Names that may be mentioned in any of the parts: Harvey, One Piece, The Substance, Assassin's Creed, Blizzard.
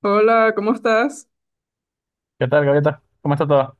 Hola, ¿cómo estás? ¿Qué tal, Gaviota? ¿Cómo está todo?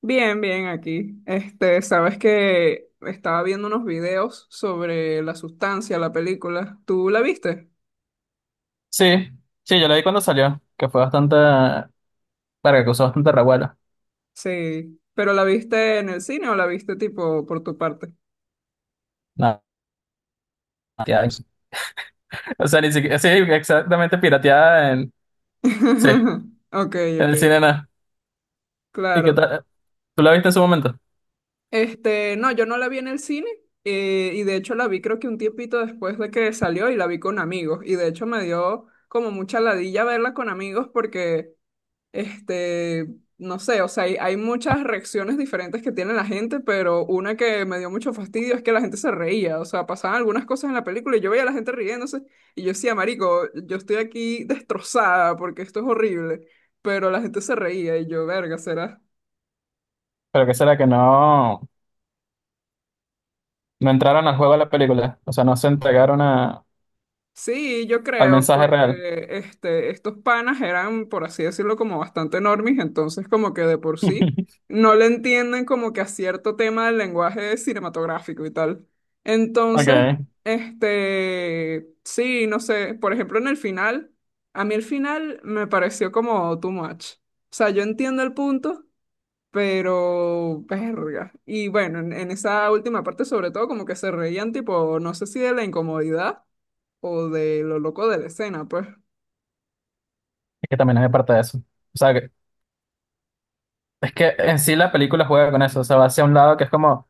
Bien, bien aquí. Sabes que estaba viendo unos videos sobre la sustancia, la película. ¿Tú la viste? Sí, sí, yo la vi cuando salió, que fue bastante, para que causó bastante revuelo. Sí. ¿Pero la viste en el cine o la viste tipo por tu parte? Nada, pirateada. O sea, ni siquiera, sí, exactamente pirateada en, sí, Ok, en ok, el cine nada. ¿Y qué claro. tal? ¿Tú la viste en su momento? No, yo no la vi en el cine, y de hecho la vi creo que un tiempito después de que salió y la vi con amigos, y de hecho me dio como mucha ladilla verla con amigos porque, Este, no sé, o sea, hay muchas reacciones diferentes que tiene la gente, pero una que me dio mucho fastidio es que la gente se reía, o sea, pasaban algunas cosas en la película y yo veía a la gente riéndose y yo decía, marico, yo estoy aquí destrozada porque esto es horrible, pero la gente se reía y yo, verga, será. Pero qué será que no, no entraron al juego de la película, o sea, no se entregaron a- Sí, yo al creo, mensaje real. porque estos panas eran, por así decirlo, como bastante normis, entonces como que de por sí no le entienden como que a cierto tema del lenguaje cinematográfico y tal. Ok, Entonces, es sí, no sé, por ejemplo, en el final, a mí el final me pareció como too much. O sea, yo entiendo el punto, pero verga. Y bueno, en esa última parte sobre todo como que se reían tipo, no sé si de la incomodidad o de lo loco de la escena, pues. que también es de parte de eso. O sea, que- es que en sí la película juega con eso, o sea, va hacia un lado que es como.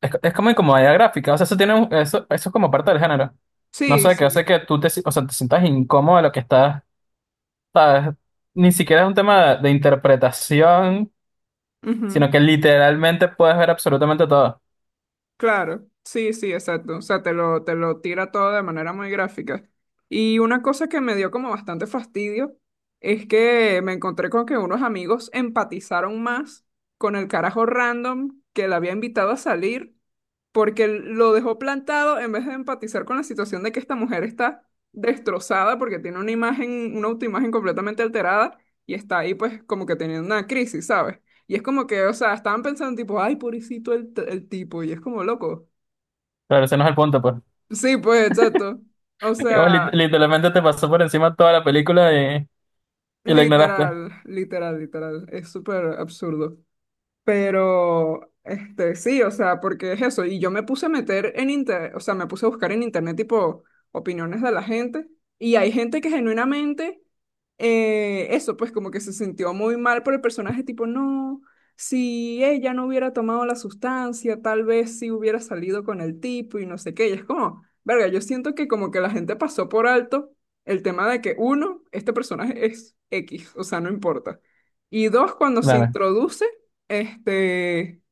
Es como incomodidad gráfica, o sea, eso tiene un- eso es como parte del género. No Sí, sé, que hace sí. que tú te, si- o sea, te sientas incómodo de lo que estás, sabes, ni siquiera es un tema de interpretación, sino Ujú. que literalmente puedes ver absolutamente todo. Claro. Sí, sí, exacto. O sea, te lo tira todo de manera muy gráfica. Y una cosa que me dio como bastante fastidio es que me encontré con que unos amigos empatizaron más con el carajo random que la había invitado a salir porque lo dejó plantado en vez de empatizar con la situación de que esta mujer está destrozada porque tiene una imagen, una autoimagen completamente alterada y está ahí pues como que teniendo una crisis, ¿sabes? Y es como que, o sea, estaban pensando tipo, ay, pobrecito el tipo, y es como loco. Pero ese no es el punto, pues. Sí, pues, exacto. O Como lit- sea, literalmente te pasó por encima toda la película y, y la ignoraste. literal, literal, literal, es súper absurdo. Pero, sí, o sea, porque es eso. Y yo me puse a meter en internet, o sea, me puse a buscar en internet tipo opiniones de la gente. Y hay gente que genuinamente, eso, pues como que se sintió muy mal por el personaje, tipo, no, si ella no hubiera tomado la sustancia, tal vez sí hubiera salido con el tipo y no sé qué. Y es como, verga, yo siento que como que la gente pasó por alto el tema de que, uno, este personaje es X, o sea, no importa. Y dos, cuando se Claro, introduce este,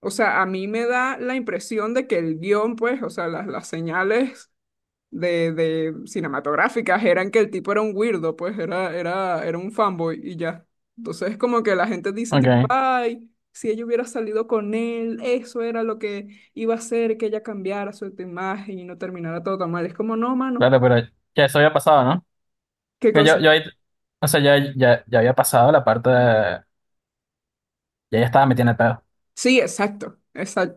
o sea, a mí me da la impresión de que el guión, pues, o sea, las señales de cinematográficas eran que el tipo era un weirdo, pues, era un fanboy y ya. Entonces, como que la gente dice, tipo, ok, ay, si ella hubiera salido con él, eso era lo que iba a hacer que ella cambiara su imagen y no terminara todo tan mal. Es como, no, mano, claro, pero ya eso había pasado, ¿no? qué Que yo cosa. ahí, o sea, ya, ya, ya había pasado la parte de, ya ya estaba metiendo el pedo. Sí, exacto,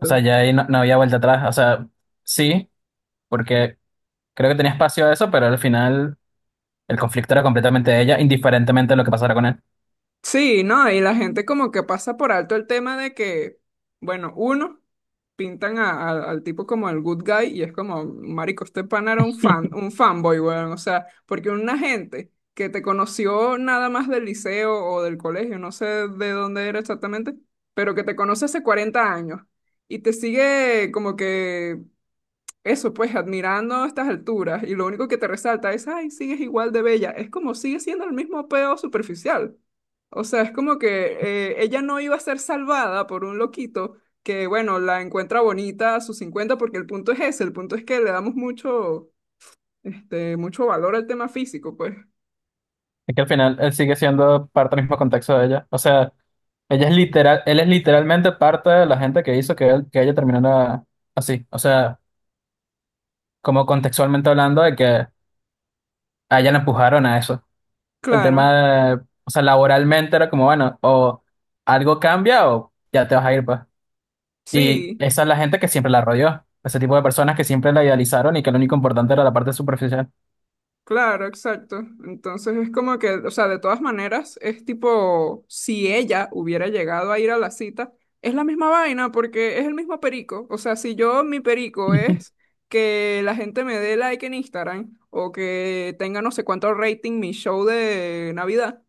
O sea, ya ahí no, no había vuelta atrás, o sea, sí. Porque creo que tenía espacio a eso, pero al final el conflicto era completamente de ella, indiferentemente de lo que pasara con él. Sí, ¿no? Y la gente como que pasa por alto el tema de que, bueno, uno, pintan al tipo como el good guy y es como, marico, este pana era un fan, un fanboy, weón. O sea, porque una gente que te conoció nada más del liceo o del colegio, no sé de dónde era exactamente, pero que te conoce hace 40 años y te sigue como que eso, pues, admirando a estas alturas y lo único que te resalta es, ay, sigues igual de bella. Es como sigue siendo el mismo peo superficial. O sea, es como que ella no iba a ser salvada por un loquito que, bueno, la encuentra bonita a sus 50, porque el punto es ese, el punto es que le damos mucho valor al tema físico, pues. Es que al final él sigue siendo parte del mismo contexto de ella. O sea, ella es literal, él es literalmente parte de la gente que hizo que él, que ella terminara así. O sea, como contextualmente hablando de que a ella la empujaron a eso. El tema Claro, de, o sea, laboralmente era como, bueno, o algo cambia o ya te vas a ir, pues. Y sí. esa es la gente que siempre la rodeó. Ese tipo de personas que siempre la idealizaron y que lo único importante era la parte superficial. Claro, exacto. Entonces es como que, o sea, de todas maneras, es tipo, si ella hubiera llegado a ir a la cita, es la misma vaina porque es el mismo perico. O sea, si yo, mi perico es que la gente me dé like en Instagram o que tenga no sé cuánto rating mi show de Navidad.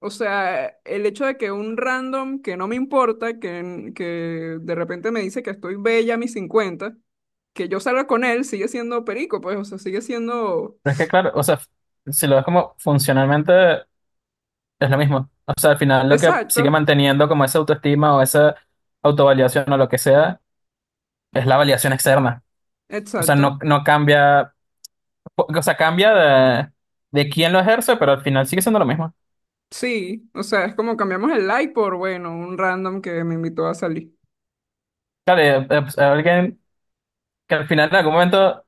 O sea, el hecho de que un random que no me importa, que de repente me dice que estoy bella a mis 50, que yo salga con él, sigue siendo perico, pues, o sea, sigue siendo. Pero es que, claro, o sea, si lo ves como funcionalmente, es lo mismo. O sea, al final lo que sigue Exacto, manteniendo como esa autoestima o esa autovaliación o lo que sea, es la validación externa. O sea, no, exacto. no cambia, o sea, cambia de quién lo ejerce, pero al final sigue siendo lo mismo. Sí, o sea, es como cambiamos el like por, bueno, un random que me invitó a salir. Claro, pues, alguien que al final en algún momento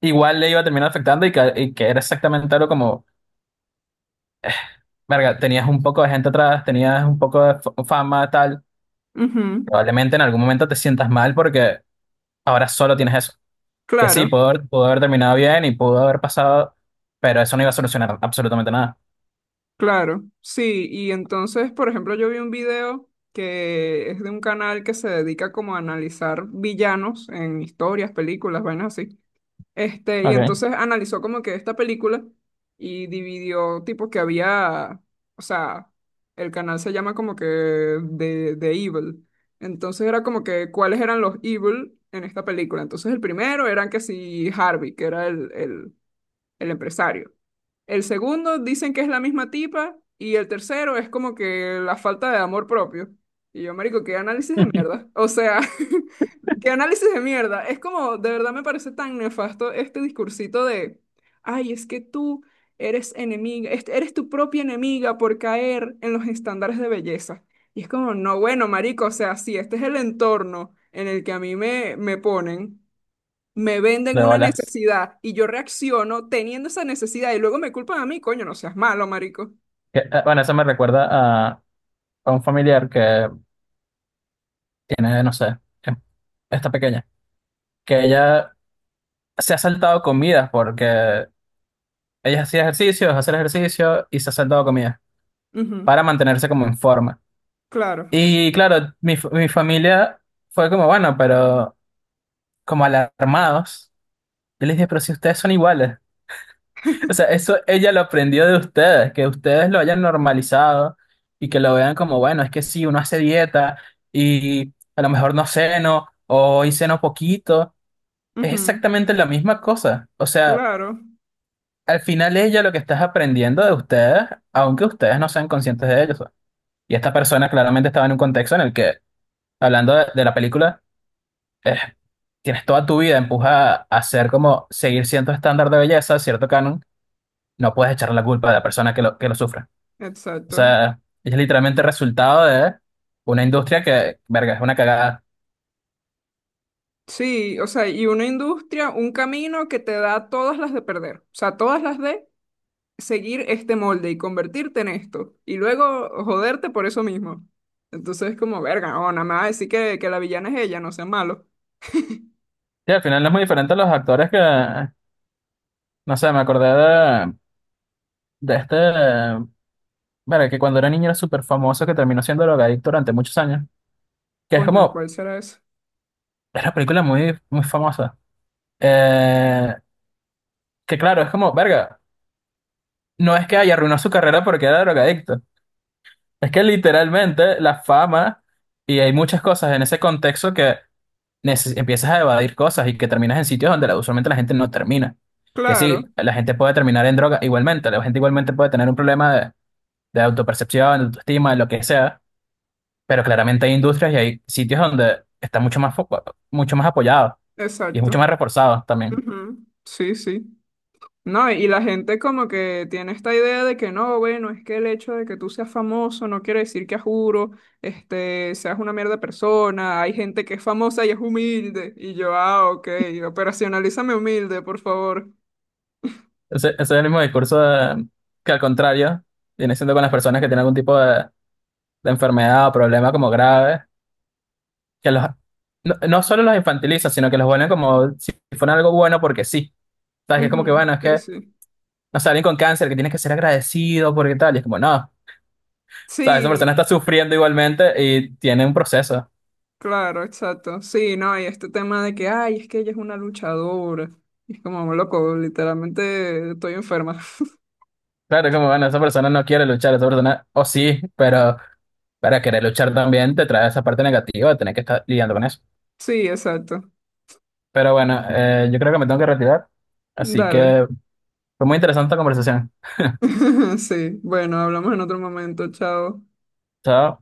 igual le iba a terminar afectando y que era exactamente algo como, verga, tenías un poco de gente atrás, tenías un poco de f- fama, tal. Ujú. Probablemente en algún momento te sientas mal porque ahora solo tienes eso. Que Claro, sí, pudo haber terminado bien y pudo haber pasado, pero eso no iba a solucionar absolutamente nada. claro. Sí, y entonces, por ejemplo, yo vi un video que es de un canal que se dedica como a analizar villanos en historias, películas, vainas así. Y Ok, entonces analizó como que esta película y dividió tipo que había, o sea, el canal se llama como que de Evil. Entonces era como que cuáles eran los Evil en esta película. Entonces el primero eran que si Harvey, que era el empresario. El segundo dicen que es la misma tipa y el tercero es como que la falta de amor propio. Y yo, marico, qué análisis de mierda. O sea, qué análisis de mierda. Es como, de verdad me parece tan nefasto este discursito de, ay, es que tú eres enemiga, eres tu propia enemiga por caer en los estándares de belleza. Y es como, no, bueno, marico, o sea, sí, este es el entorno en el que a mí me, ponen, me venden de una bolas. necesidad y yo reacciono teniendo esa necesidad y luego me culpan a mí, coño, no seas malo, marico. Que, bueno, eso me recuerda a, a un familiar que tiene, no sé, que está pequeña, que ella se ha saltado comidas porque ella hacía ejercicios, hacer ejercicio y se ha saltado comidas Ujú. para mantenerse como en forma. Claro, Y claro, mi, fa- mi familia fue como, bueno, pero como alarmados. Yo les dije, pero si ustedes son iguales. O sea, eso ella lo aprendió de ustedes, que ustedes lo hayan normalizado y que lo vean como, bueno, es que sí, uno hace dieta y a lo mejor no ceno o hoy ceno poquito, es ujú, exactamente la misma cosa. O sea, claro, al final ella lo que está es aprendiendo de ustedes, aunque ustedes no sean conscientes de ello. Y esta persona claramente estaba en un contexto en el que, hablando de la película, eh, tienes toda tu vida, empuja a ser como seguir cierto estándar de belleza, cierto canon, no puedes echar la culpa de la persona que lo sufre. O exacto. sea, es literalmente resultado de una industria que, verga, es una cagada. Sí, o sea, y una industria, un camino que te da todas las de perder, o sea, todas las de seguir este molde y convertirte en esto y luego joderte por eso mismo. Entonces es como, verga, no, nada más decir que, la villana es ella, no sea malo. Y al final no es muy diferente a los actores que, no sé, me acordé de este, verga, que cuando era niño era súper famoso, que terminó siendo drogadicto durante muchos años. Que es Coño, como, ¿cuál será eso? es una película muy, muy famosa. Eh, que claro, es como, verga, no es que haya arruinado su carrera porque era drogadicto. Es que literalmente la fama, y hay muchas cosas en ese contexto que neces- empiezas a evadir cosas y que terminas en sitios donde la- usualmente la gente no termina. Que sí, Claro, la gente puede terminar en droga igualmente, la gente igualmente puede tener un problema de autopercepción, de autoestima, de lo que sea, pero claramente hay industrias y hay sitios donde está mucho más foco, mucho más apoyado y es exacto. mucho más reforzado también. Ujú. Sí, sí. No, y la gente como que tiene esta idea de que no, bueno, es que el hecho de que tú seas famoso no quiere decir que a juro, seas una mierda persona. Hay gente que es famosa y es humilde. Y yo, ah, ok, operacionalízame humilde, por favor. Ese es el mismo discurso de- que al contrario viene siendo con las personas que tienen algún tipo de enfermedad o problema como grave, que los, no, no solo los infantiliza, sino que los vuelven como si fuera algo bueno porque sí. ¿Sabes? Que es como que, bueno, Ujú. es Sí, que sí. no sé, alguien con cáncer que tiene que ser agradecido porque tal, y es como, no, o sea, esa persona Sí, está sufriendo igualmente y tiene un proceso. claro, exacto. Sí, no, y este tema de que, ay, es que ella es una luchadora. Y es como, loco, literalmente estoy enferma. Claro, es como, bueno, esa persona no quiere luchar, esa persona, o sí, pero para querer luchar también te trae esa parte negativa de tener que estar lidiando con eso. Sí, exacto. Pero bueno, yo creo que me tengo que retirar, así Dale. que fue muy interesante la conversación. Sí, bueno, hablamos en otro momento, chao. Chao.